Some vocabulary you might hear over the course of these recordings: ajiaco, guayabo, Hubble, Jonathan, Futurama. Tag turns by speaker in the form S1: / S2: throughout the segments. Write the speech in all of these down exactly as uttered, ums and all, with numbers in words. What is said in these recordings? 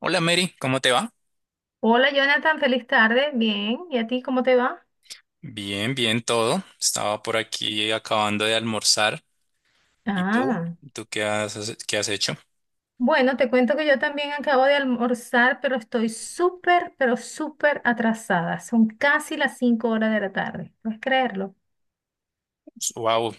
S1: Hola Mary, ¿cómo te va?
S2: Hola Jonathan, feliz tarde. Bien, ¿y a ti cómo te va?
S1: Bien, bien todo. Estaba por aquí acabando de almorzar. ¿Y tú?
S2: Ah,
S1: ¿Tú qué has, qué has hecho?
S2: bueno, te cuento que yo también acabo de almorzar, pero estoy súper, pero súper atrasada. Son casi las cinco horas de la tarde, ¿puedes creerlo?
S1: Wow,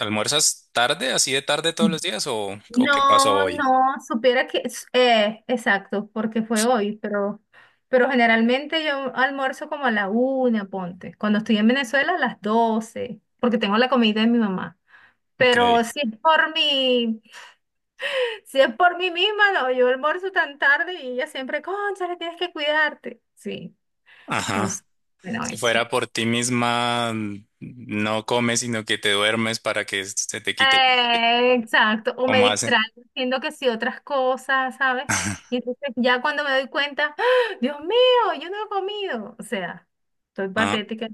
S1: ¿almuerzas tarde, así de tarde
S2: Mm.
S1: todos los días o, o qué pasó
S2: No,
S1: hoy?
S2: no, supiera que, s- eh, exacto, porque fue hoy, pero, pero generalmente yo almuerzo como a la una, ponte. Cuando estoy en Venezuela a las doce porque tengo la comida de mi mamá.
S1: Ok.
S2: Pero si es por mí, si es por mí misma, no, yo almuerzo tan tarde y ella siempre, cónchale, tienes que cuidarte. Sí,
S1: Ajá.
S2: entonces, bueno,
S1: Si
S2: eso.
S1: fuera por ti misma, no comes, sino que te duermes para que se te quite.
S2: Eh, exacto, o me
S1: ¿Cómo hace?
S2: distraigo diciendo que sí otras cosas, ¿sabes? Y entonces ya cuando me doy cuenta, ¡ah! Dios mío, yo no he comido. O sea, estoy
S1: Ah.
S2: patética.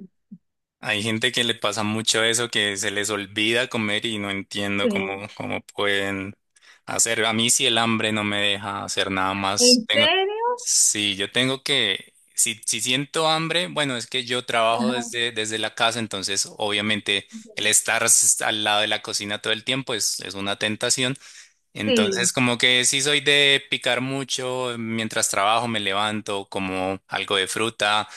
S1: Hay gente que le pasa mucho eso, que se les olvida comer y no entiendo
S2: Sí.
S1: cómo, cómo pueden hacer. A mí si el hambre no me deja hacer nada más.
S2: ¿En
S1: Tengo,
S2: serio?
S1: sí, yo tengo que, si, si siento hambre, bueno, es que yo trabajo
S2: Ajá.
S1: desde, desde la casa, entonces obviamente el estar s- al lado de la cocina todo el tiempo es, es una tentación. Entonces,
S2: Sí.
S1: como que sí soy de picar mucho, mientras trabajo me levanto, como algo de fruta,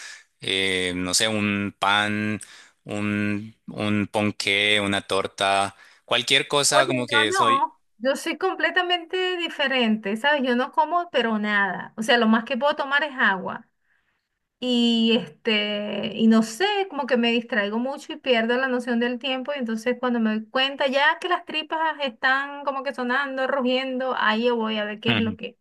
S1: eh, no sé, un pan, un, un ponqué, una torta, cualquier
S2: Oye,
S1: cosa como
S2: yo
S1: que soy...
S2: no, yo soy completamente diferente, ¿sabes? Yo no como, pero nada. O sea, lo más que puedo tomar es agua. Y este, y no sé, como que me distraigo mucho y pierdo la noción del tiempo. Y entonces cuando me doy cuenta ya que las tripas están como que sonando, rugiendo, ahí yo voy a ver qué es lo
S1: Ujú.
S2: que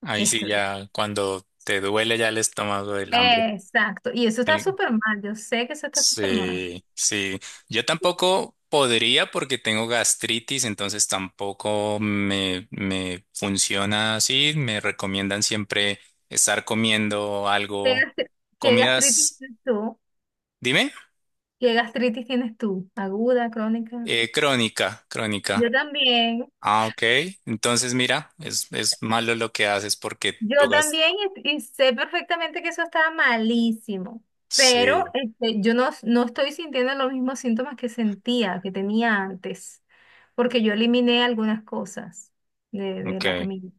S1: Ahí sí
S2: estoy.
S1: ya, cuando te duele ya el estómago del hambre.
S2: Exacto. Y eso está súper mal. Yo sé que eso está súper mal.
S1: Sí, sí. Yo tampoco podría porque tengo gastritis, entonces tampoco me, me funciona así. Me recomiendan siempre estar comiendo
S2: ¿Qué
S1: algo,
S2: gastri- ¿qué gastritis
S1: comidas,
S2: tienes tú?
S1: dime,
S2: ¿Qué gastritis tienes tú? ¿Aguda, crónica?
S1: eh, crónica,
S2: Yo
S1: crónica.
S2: también.
S1: Ah, ok. Entonces, mira, es, es malo lo que haces porque
S2: Yo
S1: tú gas.
S2: también y, y sé perfectamente que eso estaba malísimo, pero
S1: Sí,
S2: este, yo no, no estoy sintiendo los mismos síntomas que sentía, que tenía antes, porque yo eliminé algunas cosas de, de la
S1: ok,
S2: comida.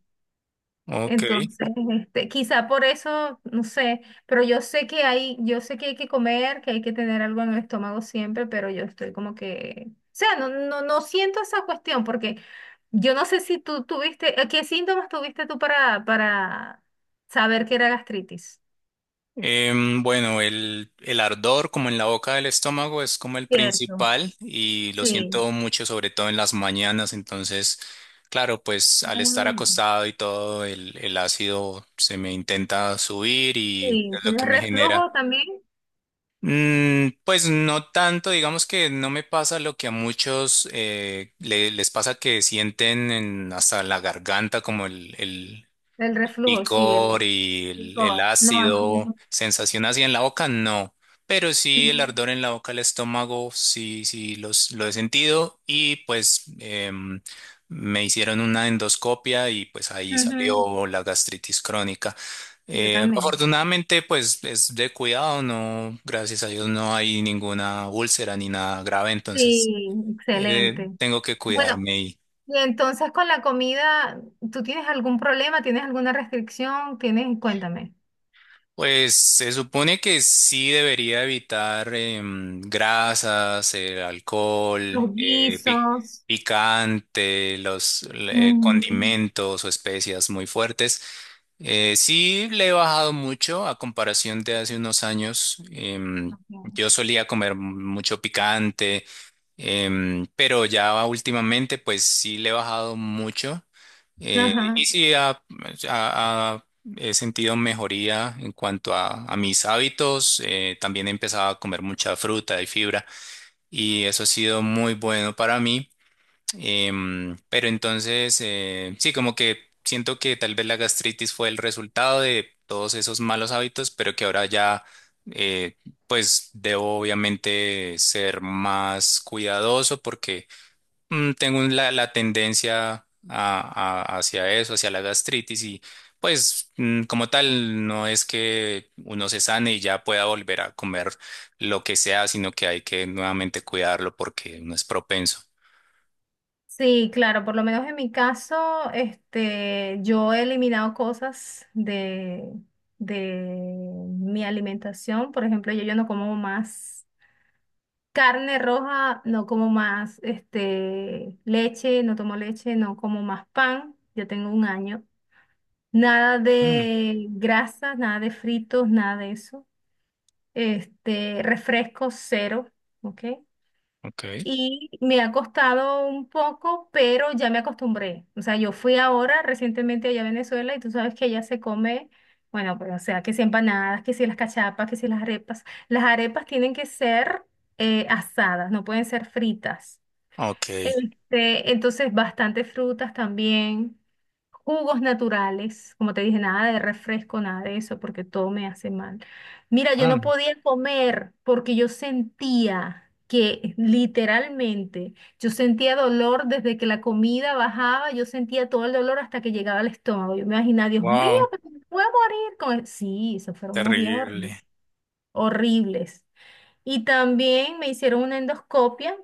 S1: ok.
S2: Entonces, este, quizá por eso, no sé, pero yo sé que hay, yo sé que hay que comer, que hay que tener algo en el estómago siempre, pero yo estoy como que, o sea, no, no, no siento esa cuestión porque yo no sé si tú tuviste, eh, ¿qué síntomas tuviste tú para, para saber que era gastritis?
S1: Em, bueno, el, el ardor como en la boca del estómago es como el
S2: Cierto,
S1: principal y lo
S2: sí.
S1: siento mucho, sobre todo en las mañanas. Entonces, claro, pues al estar
S2: Ah,
S1: acostado y todo, el, el ácido se me intenta subir y
S2: sí,
S1: es lo que
S2: ¿tienes
S1: me genera.
S2: reflujo también?
S1: Mm, pues no tanto, digamos que no me pasa lo que a muchos eh, le- les pasa que sienten en- hasta la garganta como el, el-
S2: El reflujo, sí,
S1: picor
S2: el,
S1: y
S2: el
S1: el, el
S2: coa. No, así
S1: ácido,
S2: yo.
S1: sensación así en la boca, no. Pero
S2: Ujú,
S1: sí el ardor en la boca, el estómago, sí, sí los, lo he sentido y pues em, me hicieron una endoscopia y pues ahí
S2: ujú,
S1: salió la gastritis crónica.
S2: yo
S1: Eh,
S2: también.
S1: afortunadamente pues es de cuidado, no, gracias a Dios no hay ninguna úlcera ni nada grave, entonces
S2: Sí,
S1: eh,
S2: excelente.
S1: tengo que
S2: Bueno,
S1: cuidarme.
S2: y entonces con la comida, ¿tú tienes algún problema? ¿Tienes alguna restricción? ¿Tienes, cuéntame,
S1: Pues se supone que sí debería evitar em, grasas, el alcohol,
S2: los
S1: eh, pic-
S2: guisos?
S1: picante, los le-
S2: Mm,
S1: condimentos o especias muy fuertes. Eh, sí le he bajado mucho a comparación de hace unos años. Em,
S2: ok.
S1: yo solía comer mucho picante, em, pero ya últimamente pues sí le he bajado mucho. Eh, y
S2: Ajá.
S1: sí ha, ha- ha He sentido mejoría en cuanto a, a mis hábitos. Eh, también he empezado a comer mucha fruta y fibra y eso ha sido muy bueno para mí. Em, pero entonces, eh, sí, como que siento que tal vez la gastritis fue el resultado de todos esos malos hábitos, pero que ahora ya, eh, pues debo obviamente ser más cuidadoso porque mm, Tengo un- la, la tendencia a- a- hacia eso, hacia la gastritis y pues mm, como tal no es que uno se sane y ya pueda volver a comer lo que sea, sino que hay que nuevamente cuidarlo porque uno es propenso.
S2: Sí, claro, por lo menos en mi caso, este, yo he eliminado cosas de, de mi alimentación. Por ejemplo, yo, yo no como más. Carne roja, no como más, este, leche, no tomo leche, no como más pan, ya tengo un año. Nada
S1: Mm,
S2: de grasas, nada de fritos, nada de eso. Este, refresco cero, ¿ok?
S1: ok,
S2: Y me ha costado un poco, pero ya me acostumbré. O sea, yo fui ahora recientemente allá a Venezuela y tú sabes que allá se come, bueno, pues, o sea, que si empanadas, que si las cachapas, que si las arepas. Las arepas tienen que ser eh, asadas, no pueden ser fritas.
S1: ok.
S2: Este, entonces, bastante frutas también, jugos naturales, como te dije, nada de refresco, nada de eso, porque todo me hace mal. Mira, yo no podía comer porque yo sentía que literalmente, yo sentía dolor desde que la comida bajaba, yo sentía todo el dolor hasta que llegaba al estómago. Yo me imaginaba, Dios mío,
S1: Wow,
S2: pero me voy a morir. Con el-". Sí, esos fueron unos días
S1: terrible.
S2: horribles. Horribles. Y también me hicieron una endoscopia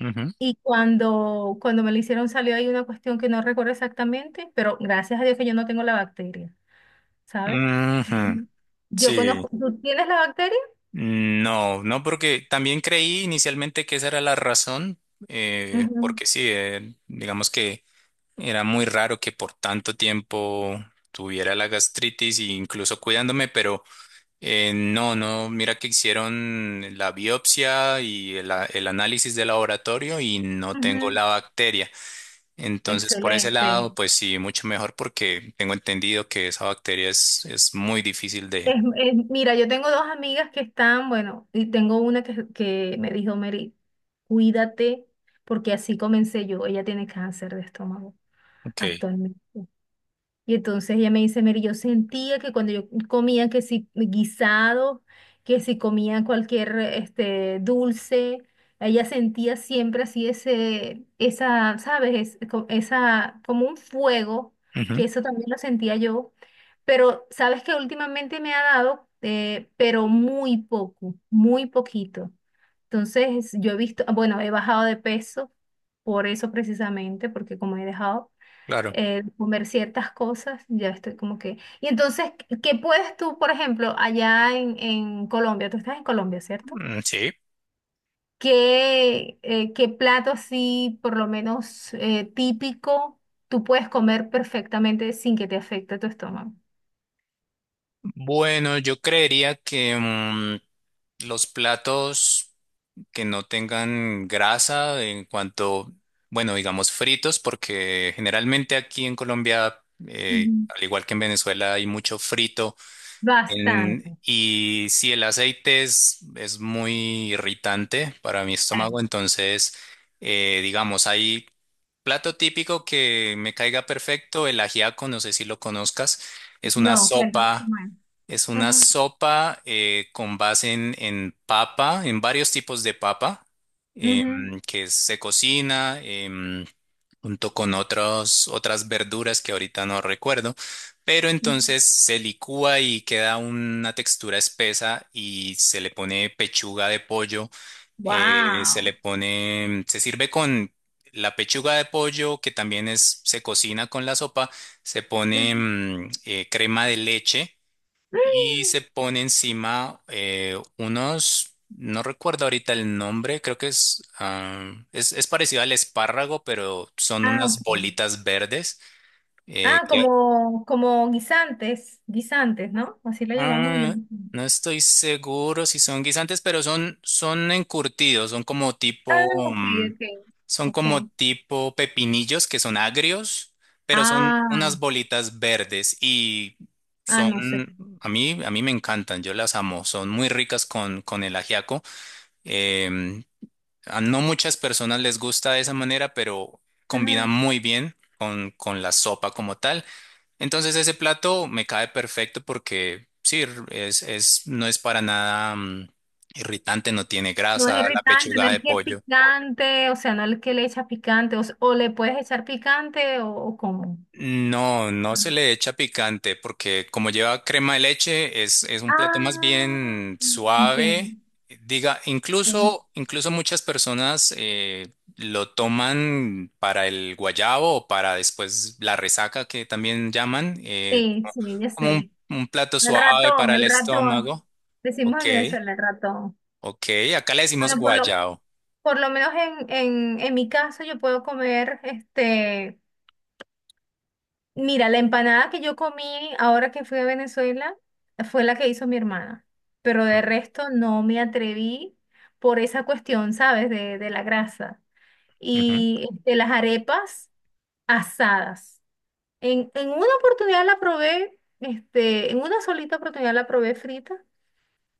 S1: Ujú.
S2: y cuando, cuando me lo hicieron salió ahí una cuestión que no recuerdo exactamente, pero gracias a Dios que yo no tengo la bacteria, ¿sabes?
S1: Ujú,
S2: Ujú. Yo conozco,
S1: sí,
S2: ¿tú tienes la bacteria?
S1: no, no, porque también creí inicialmente que esa era la razón, eh,
S2: Ujú,
S1: porque sí, eh, digamos que... Era muy raro que por tanto tiempo tuviera la gastritis e incluso cuidándome, pero eh, no, no, mira que hicieron la biopsia y el, a- el análisis de laboratorio y no tengo
S2: ujú.
S1: la bacteria. Entonces, por ese
S2: Excelente.
S1: lado, pues sí, mucho mejor porque tengo entendido que esa bacteria es, es muy difícil
S2: Es-
S1: de...
S2: es- mira, yo tengo dos amigas que están, bueno, y tengo una que, que me dijo, Mary, cuídate, porque así comencé yo. Ella tiene cáncer de estómago
S1: Ok.
S2: actualmente. Y entonces ella me dice, Mary, yo sentía que cuando yo comía que si guisado, que si comía cualquier este dulce, ella sentía siempre así ese, esa, ¿sabes? Es co- esa, como un fuego,
S1: Ujú,
S2: que eso también lo sentía yo. Pero sabes que últimamente me ha dado, eh, pero muy poco, muy poquito. Entonces yo he visto, ah, bueno, he bajado de peso por eso precisamente, porque como he dejado
S1: claro.
S2: eh, comer ciertas cosas, ya estoy como que... Y entonces, ¿qué puedes tú, por ejemplo, allá en, en Colombia? Tú estás en Colombia, ¿cierto?
S1: Mm, sí.
S2: ¿Qué, eh, qué plato así, por lo menos eh, típico, tú puedes comer perfectamente sin que te afecte tu estómago?
S1: Bueno, yo creería que mm, los platos... que no tengan grasa en cuanto, bueno, digamos fritos, porque generalmente aquí en Colombia, eh,
S2: Ujú.
S1: al igual que en Venezuela, hay mucho frito. En-
S2: Bastante.
S1: y si el aceite es, es muy irritante para mi
S2: Eh,
S1: estómago, entonces, eh, digamos, hay plato típico que me caiga perfecto, el ajiaco, no sé si lo conozcas, es una
S2: no, cuéntame
S1: sopa.
S2: cómo es.
S1: Es una
S2: Ajá.
S1: sopa eh, con base en, en papa, en varios tipos de papa, em, que se cocina em, junto con otros, otras verduras que ahorita no recuerdo, pero entonces se licúa y queda una textura espesa y se le pone pechuga de pollo, eh, se le
S2: Wow.
S1: pone, se sirve con la pechuga de pollo que también es, se cocina con la sopa, se pone mm, eh, crema de leche y se pone encima eh, unos, no recuerdo ahorita el nombre, creo que es, ah, es, es parecido al espárrago, pero son
S2: Ah,
S1: unas
S2: ok.
S1: bolitas verdes eh,
S2: Ah,
S1: que
S2: como, como guisantes, guisantes, ¿no? Así lo llamamos en
S1: ah,
S2: Venezuela.
S1: no estoy seguro si son guisantes, pero son, son encurtidos, son como
S2: Ah,
S1: tipo,
S2: ok,
S1: mm,
S2: ok,
S1: son
S2: ok.
S1: como tipo pepinillos que son agrios, pero son
S2: Ah,
S1: unas bolitas verdes y
S2: ah, no sé.
S1: son, a mí, a mí me encantan, yo las amo, son muy ricas con, con el ajiaco. Em, a no muchas personas les gusta de esa manera, pero combina
S2: Ajá.
S1: muy bien con, con la sopa como tal. Entonces ese plato me cae perfecto porque sí, r- es, es, no es para nada mm, irritante, no tiene
S2: No es
S1: grasa, la
S2: irritante,
S1: pechuga
S2: no
S1: de
S2: es que es
S1: pollo.
S2: picante, o sea, no es que le echas picante, o, s- o le puedes echar picante o, o cómo.
S1: No, no se le echa picante porque como lleva crema de leche, es, es un plato más
S2: Ah,
S1: bien suave.
S2: entiendo.
S1: Diga,
S2: Entiendo.
S1: incluso, incluso muchas personas eh, lo toman para el guayabo o para después la resaca que también llaman, eh,
S2: Sí, sí, ya sé.
S1: como como un un plato
S2: El
S1: suave para
S2: ratón,
S1: el
S2: el ratón.
S1: estómago.
S2: Decimos
S1: Ok,
S2: en Venezuela el ratón.
S1: ok. Acá le decimos
S2: Bueno, por lo,
S1: guayao.
S2: Por lo menos en, en, en mi caso yo puedo comer, este, mira, la empanada que yo comí ahora que fui a Venezuela fue la que hizo mi hermana, pero de resto no me atreví por esa cuestión, ¿sabes? De, de la grasa
S1: Ujú,
S2: y de las arepas asadas. En, en una oportunidad la probé, este, en una solita oportunidad la probé frita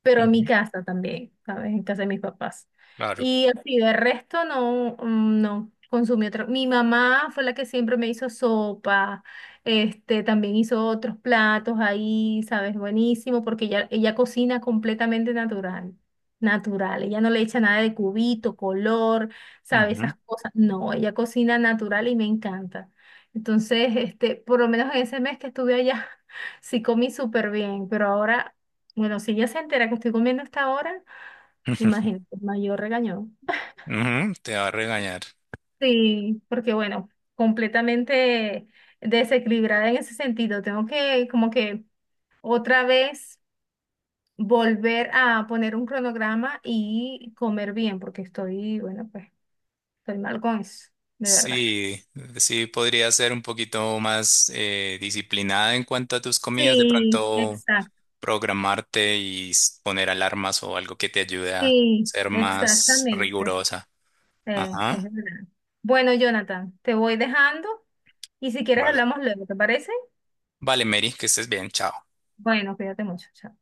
S2: pero en mi
S1: ujú,
S2: casa también, ¿sabes? En casa de mis papás.
S1: claro.
S2: Y así, de resto no, mm, no consumí otro. Mi mamá fue la que siempre me hizo sopa, este, también hizo otros platos ahí, ¿sabes? Buenísimo, porque ella, ella cocina completamente natural. Natural, ella no le echa nada de cubito, color, sabe,
S1: Ujú,
S2: esas cosas. No, ella cocina natural y me encanta. Entonces, este, por lo menos en ese mes que estuve allá, sí comí súper bien, pero ahora bueno, si ella se entera que estoy comiendo hasta ahora,
S1: ujú,
S2: imagínate, mayor regañón.
S1: ujú, te va a regañar.
S2: Sí, porque bueno, completamente desequilibrada en ese sentido. Tengo que como que otra vez volver a poner un cronograma y comer bien, porque estoy, bueno, pues estoy mal con eso, de verdad.
S1: Sí, sí, podría ser un poquito más eh, disciplinada en cuanto a tus comidas, de
S2: Sí,
S1: pronto
S2: exacto.
S1: programarte y s- poner alarmas o algo que te ayude a
S2: Sí,
S1: ser más
S2: exactamente.
S1: rigurosa.
S2: Eh, es
S1: Ajá,
S2: verdad. Bueno, Jonathan, te voy dejando y si quieres
S1: vale.
S2: hablamos luego, ¿te parece?
S1: Vale, Mary, que estés bien, chao.
S2: Bueno, cuídate mucho. Chao.